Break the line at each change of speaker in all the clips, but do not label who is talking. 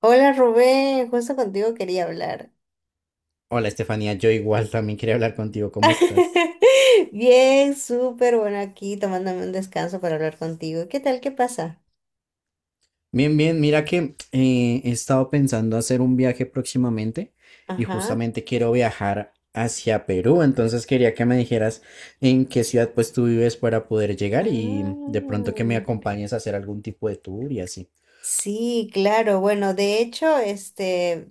Hola Rubén, justo contigo quería hablar.
Hola Estefanía, yo igual también quería hablar contigo. ¿Cómo estás?
Bien, súper bueno aquí tomándome un descanso para hablar contigo. ¿Qué tal? ¿Qué pasa?
Bien, bien. Mira que he estado pensando hacer un viaje próximamente y
Ajá.
justamente quiero viajar hacia Perú. Entonces quería que me dijeras en qué ciudad pues tú vives para poder llegar y de pronto que me
Mm.
acompañes a hacer algún tipo de tour y así.
Sí, claro. Bueno, de hecho,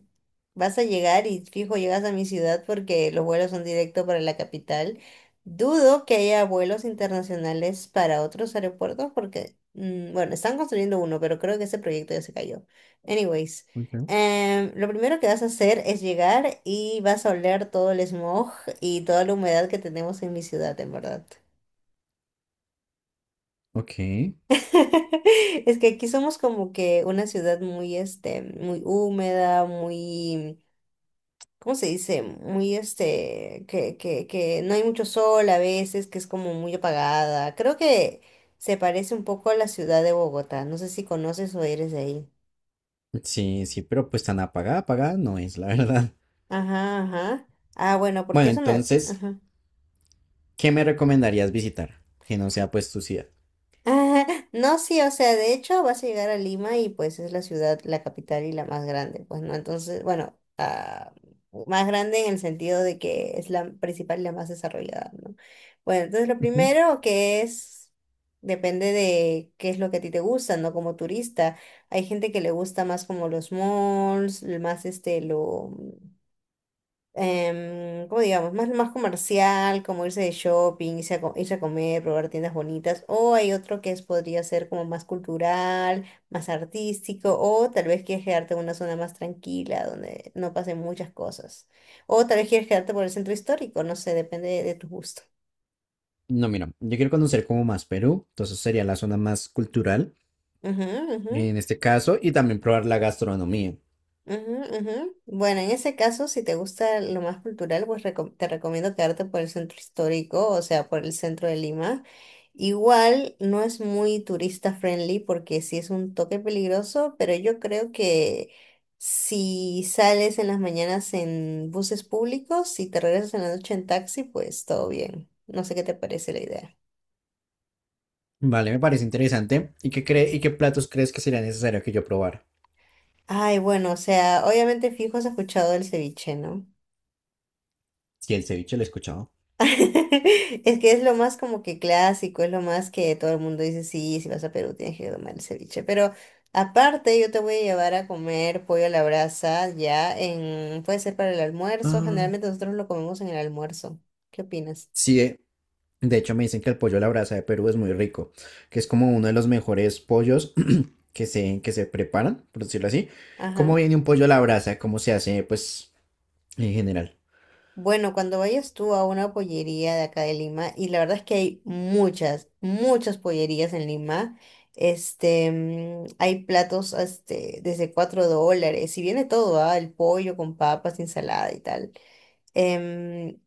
vas a llegar y fijo, llegas a mi ciudad porque los vuelos son directo para la capital. Dudo que haya vuelos internacionales para otros aeropuertos porque, bueno, están construyendo uno, pero creo que ese proyecto ya se cayó. Anyways,
Ok.
lo primero que vas a hacer es llegar y vas a oler todo el smog y toda la humedad que tenemos en mi ciudad, en verdad.
Ok,
Es que aquí somos como que una ciudad muy, muy húmeda, muy, ¿cómo se dice? Muy, que no hay mucho sol a veces, que es como muy apagada. Creo que se parece un poco a la ciudad de Bogotá. No sé si conoces o eres de ahí.
sí, sí, pero pues tan apagada, apagada no es, la verdad.
Ajá, ajá. Ah, bueno, porque
Bueno,
eso me.
entonces,
Ajá.
¿qué me recomendarías visitar? Que no sea pues tu ciudad.
Ah, no, sí, o sea, de hecho vas a llegar a Lima y pues es la ciudad, la capital y la más grande, pues no, entonces, bueno, ah, más grande en el sentido de que es la principal y la más desarrollada, ¿no? Bueno, entonces lo
Ujú.
primero que es, depende de qué es lo que a ti te gusta, ¿no? Como turista, hay gente que le gusta más como los malls, más lo, ¿cómo digamos? Más, más comercial, como irse de shopping, irse a, irse a comer, probar tiendas bonitas, o hay otro que es, podría ser como más cultural, más artístico, o tal vez quieres quedarte en una zona más tranquila, donde no pasen muchas cosas, o tal vez quieres quedarte por el centro histórico, no sé, depende de tu gusto.
No, mira, yo quiero conocer como más Perú, entonces sería la zona más cultural
Ujú, ujú.
en este caso y también probar la gastronomía.
Ujú, ujú. Bueno, en ese caso, si te gusta lo más cultural, pues te recomiendo quedarte por el centro histórico, o sea, por el centro de Lima. Igual no es muy turista friendly porque sí es un toque peligroso, pero yo creo que si sales en las mañanas en buses públicos, si te regresas en la noche en taxi, pues todo bien. No sé qué te parece la idea.
Vale, me parece interesante. ¿Y qué cree, y qué platos crees que sería necesario que yo probara?
Ay, bueno, o sea, obviamente fijo has escuchado el ceviche, ¿no?
Si el ceviche lo he escuchado.
Es que es lo más como que clásico, es lo más que todo el mundo dice, sí, si vas a Perú tienes que tomar el ceviche. Pero aparte yo te voy a llevar a comer pollo a la brasa ya en, puede ser para el almuerzo,
Ah,
generalmente nosotros lo comemos en el almuerzo. ¿Qué opinas?
sí, de hecho, me dicen que el pollo a la brasa de Perú es muy rico, que es como uno de los mejores pollos que se preparan, por decirlo así. ¿Cómo
Ajá.
viene un pollo a la brasa? ¿Cómo se hace, pues, en general?
Bueno, cuando vayas tú a una pollería de acá de Lima, y la verdad es que hay muchas, muchas pollerías en Lima, hay platos desde $4, y viene todo, ¿ah? El pollo con papas, ensalada y tal. Em,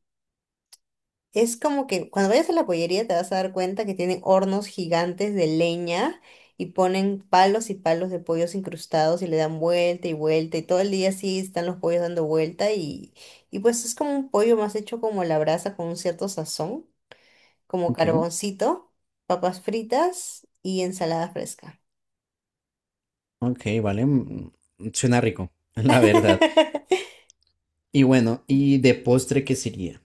es como que cuando vayas a la pollería te vas a dar cuenta que tienen hornos gigantes de leña y ponen palos y palos de pollos incrustados y le dan vuelta y vuelta y todo el día así están los pollos dando vuelta y pues es como un pollo más hecho como a la brasa con un cierto sazón, como
Ok,
carboncito, papas fritas y ensalada fresca.
ok, vale. Suena rico, la verdad. Y bueno, ¿y de postre qué sería?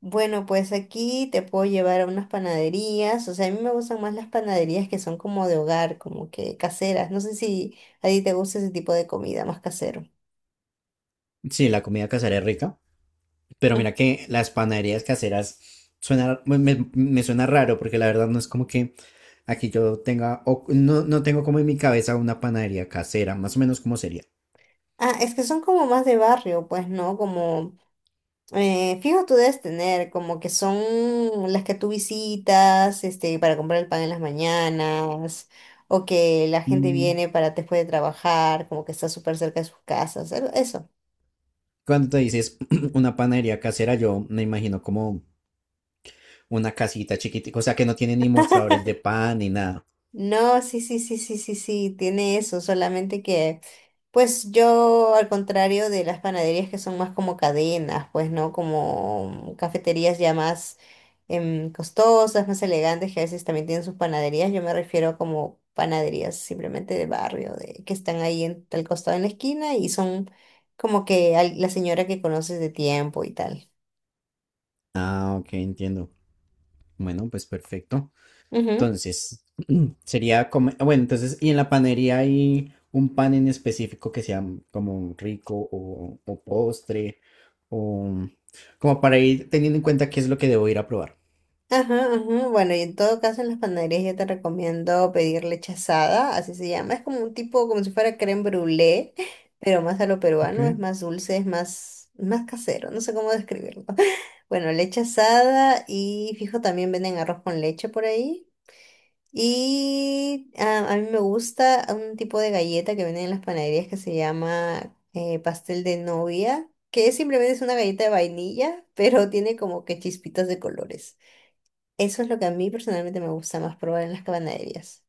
Bueno, pues aquí te puedo llevar a unas panaderías, o sea, a mí me gustan más las panaderías que son como de hogar, como que caseras. No sé si a ti te gusta ese tipo de comida más casero.
Sí, la comida casera es rica, pero
Mm.
mira que las panaderías caseras suena, me suena raro, porque la verdad no es como que aquí yo tenga, o no, no tengo como en mi cabeza una panadería casera, más o menos como sería.
Ah, es que son como más de barrio, pues, ¿no? Como, fijo tú debes tener, como que son las que tú visitas, para comprar el pan en las mañanas, o que la gente
Mm,
viene para después de trabajar, como que está súper cerca de sus casas, eso.
Cuando te dices una panadería casera, yo me imagino como una casita chiquitica, o sea que no tiene ni mostradores de pan ni nada.
No, sí, sí, sí, sí, sí, sí, tiene eso, solamente que, pues yo, al contrario de las panaderías que son más como cadenas, pues, ¿no? Como cafeterías ya más costosas, más elegantes, que a veces también tienen sus panaderías, yo me refiero a como panaderías simplemente de barrio, de, que están ahí en tal costado en la esquina y son como que la señora que conoces de tiempo y tal.
Ah, ok, entiendo. Bueno, pues perfecto. Entonces, sería como, ah, bueno, entonces, ¿y en la panadería hay un pan en específico que sea como rico o postre o como para ir teniendo en cuenta qué es lo que debo ir a probar?
Ajá, ajá. Bueno, y en todo caso en las panaderías yo te recomiendo pedir leche asada, así se llama. Es como un tipo, como si fuera crème brûlée, pero más a lo
Ok.
peruano, es más dulce, es más, más casero, no sé cómo describirlo. Bueno, leche asada y fijo también venden arroz con leche por ahí. Y a mí me gusta un tipo de galleta que venden en las panaderías que se llama pastel de novia, que simplemente es una galleta de vainilla, pero tiene como que chispitas de colores. Eso es lo que a mí personalmente me gusta más probar en las cabanerías.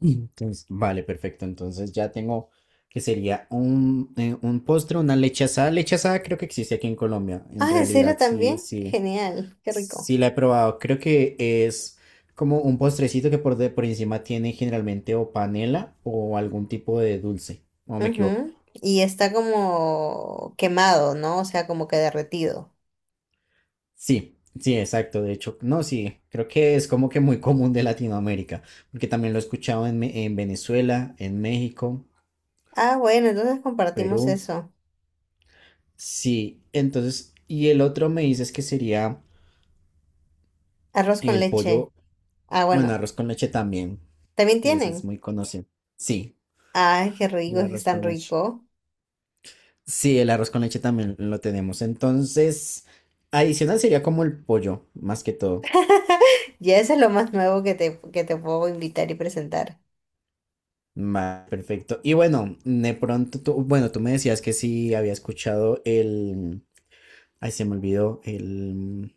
Entonces, vale, perfecto. Entonces ya tengo que sería un postre, una leche asada. Leche asada creo que existe aquí en Colombia. En
Ah, ¿en serio
realidad, sí,
también?
sí,
Genial, qué rico.
sí la he probado. Creo que es como un postrecito que por encima tiene generalmente o panela o algún tipo de dulce. ¿O me equivoco?
Ujú. Y está como quemado, ¿no? O sea, como que derretido.
Sí, sí, exacto. De hecho, no, sí, creo que es como que muy común de Latinoamérica, porque también lo he escuchado en, en Venezuela, en México,
Ah, bueno, entonces compartimos
Perú.
eso.
Sí, entonces, y el otro me dices que sería
Arroz con
el
leche.
pollo,
Ah,
bueno,
bueno,
arroz con leche también.
también
Y ese es
tienen.
muy conocido. Sí,
Ay, qué rico,
el
es que es
arroz
tan
con leche.
rico.
Sí, el arroz con leche también lo tenemos. Entonces, adicional sería como el pollo, más que todo.
Ya eso es lo más nuevo que te puedo invitar y presentar.
Perfecto. Y bueno, de pronto tú, bueno, tú me decías que sí había escuchado el, ay, se me olvidó,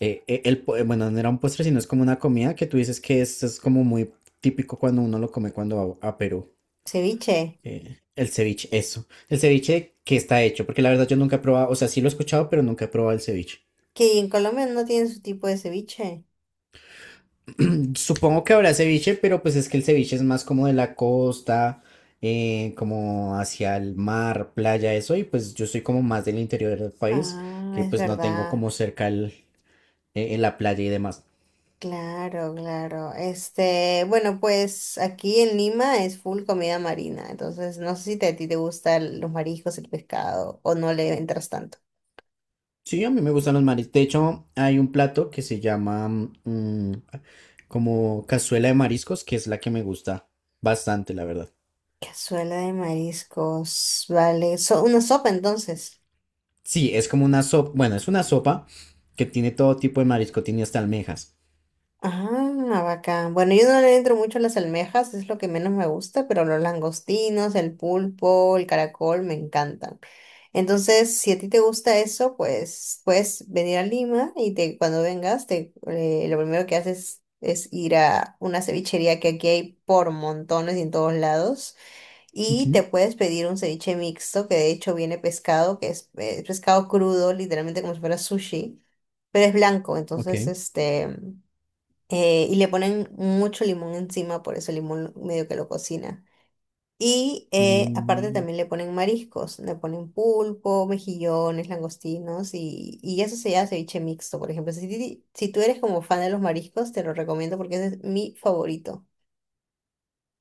el, bueno, no era un postre, sino es como una comida que tú dices que es como muy típico cuando uno lo come cuando va a Perú.
Ceviche.
El ceviche, eso. El ceviche que está hecho, porque la verdad yo nunca he probado, o sea, sí lo he escuchado, pero nunca he probado el ceviche.
Que en Colombia no tienen su tipo de ceviche.
Supongo que habrá ceviche, pero pues es que el ceviche es más como de la costa, como hacia el mar, playa, eso, y pues yo soy como más del interior del país,
Ah,
que
es
pues no tengo
verdad.
como cerca el, la playa y demás.
Claro, claro. Bueno, pues aquí en Lima es full comida marina, entonces no sé si a ti te gustan los mariscos, el pescado o no le entras tanto.
Sí, a mí me gustan los mariscos. De hecho, hay un plato que se llama mm, como cazuela de mariscos, que es la que me gusta bastante, la verdad.
Cazuela de mariscos, vale. So, una sopa entonces.
Sí, es como una sopa, bueno, es una sopa que tiene todo tipo de marisco, tiene hasta almejas.
Ah, bacán. Bueno, yo no le entro mucho a las almejas, es lo que menos me gusta, pero los langostinos, el pulpo, el caracol me encantan. Entonces, si a ti te gusta eso, pues puedes venir a Lima y te, cuando vengas, te, lo primero que haces es ir a una cevichería que aquí hay por montones y en todos lados. Y te
Ujú,
puedes pedir un ceviche mixto, que de hecho viene pescado, que es, pescado crudo, literalmente como si fuera sushi, pero es blanco,
Ok.
entonces y le ponen mucho limón encima, por eso el limón medio que lo cocina. Y aparte
Mm,
también le ponen mariscos, le ponen pulpo, mejillones, langostinos y eso se llama ceviche mixto, por ejemplo. Si, si tú eres como fan de los mariscos, te lo recomiendo porque ese es mi favorito.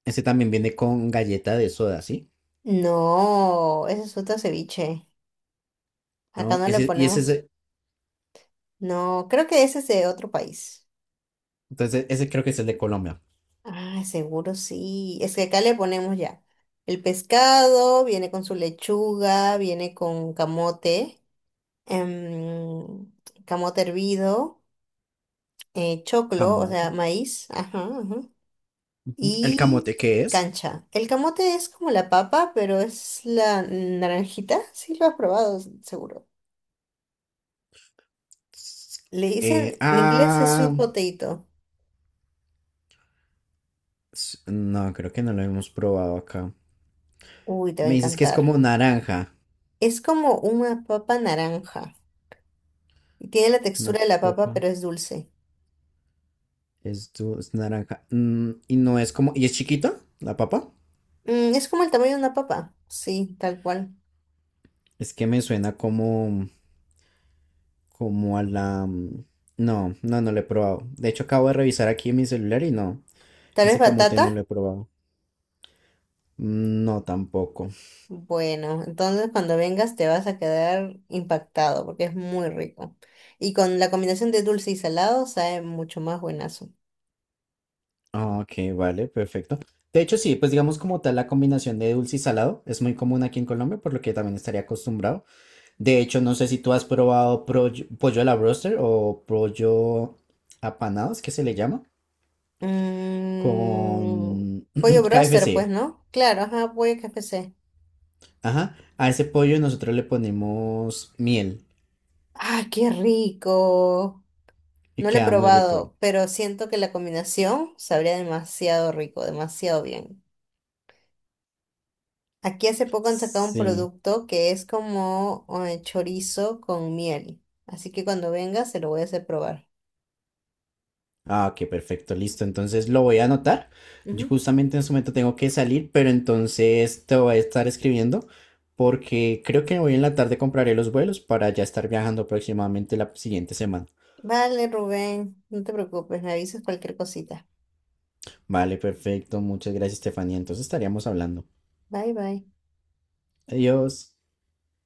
ese también viene con galleta de soda, ¿sí?
No, ese es otro ceviche. Acá
¿No?
no le
Ese, y ese es,
ponemos. No, creo que ese es de otro país.
entonces, ese creo que es el de Colombia.
Ah, seguro sí. Es que acá le ponemos ya. El pescado viene con su lechuga, viene con camote, em, camote hervido. Choclo, o sea,
Camote.
maíz, ajá, ajá,
Ujú. ¿El
y
camote qué es?
cancha. El camote es como la papa, pero es la naranjita, sí lo has probado, seguro.
S-
Le dicen,
Eh,
en inglés es
ah,
sweet potato.
no, creo que no lo hemos probado acá.
Uy, te va a
Me dices que es
encantar.
como naranja.
Es como una papa naranja y tiene la
Una
textura de la papa, pero
papa
es dulce.
es, es naranja. Mm, y no es como. ¿Y es chiquita la papa?
Mm, es como el tamaño de una papa, sí, tal cual.
Es que me suena como. Como a la. No, no, no lo he probado. De hecho, acabo de revisar aquí en mi celular y no.
Tal vez
Ese camote
batata.
no lo he probado. Mm, No, tampoco.
Bueno, entonces cuando vengas te vas a quedar impactado porque es muy rico. Y con la combinación de dulce y salado sabe mucho más buenazo.
Ah, Ok, vale, perfecto. De hecho, sí, pues digamos como tal la combinación de dulce y salado es muy común aquí en Colombia, por lo que también estaría acostumbrado. De hecho, no sé si tú has probado pollo a la broster o pollo apanados, que se le llama,
Mm,
con
Pollo broster, pues,
KFC.
¿no? Claro, ajá, pollo KFC.
Ajá, a ese pollo nosotros le ponemos miel
¡Ah, qué rico!
y
No lo he
queda muy rico.
probado, pero siento que la combinación sabría demasiado rico, demasiado bien. Aquí hace poco han sacado un
Sí.
producto que es como chorizo con miel. Así que cuando vengas se lo voy a hacer probar.
Ah, ok, perfecto, listo. Entonces lo voy a anotar. Yo
Ujú.
justamente en su momento tengo que salir, pero entonces te voy a estar escribiendo porque creo que hoy en la tarde compraré los vuelos para ya estar viajando aproximadamente la siguiente semana.
Vale, Rubén, no te preocupes, me avisas cualquier cosita.
Vale, perfecto. Muchas gracias, Estefanía. Entonces estaríamos hablando.
Bye, bye.
Adiós.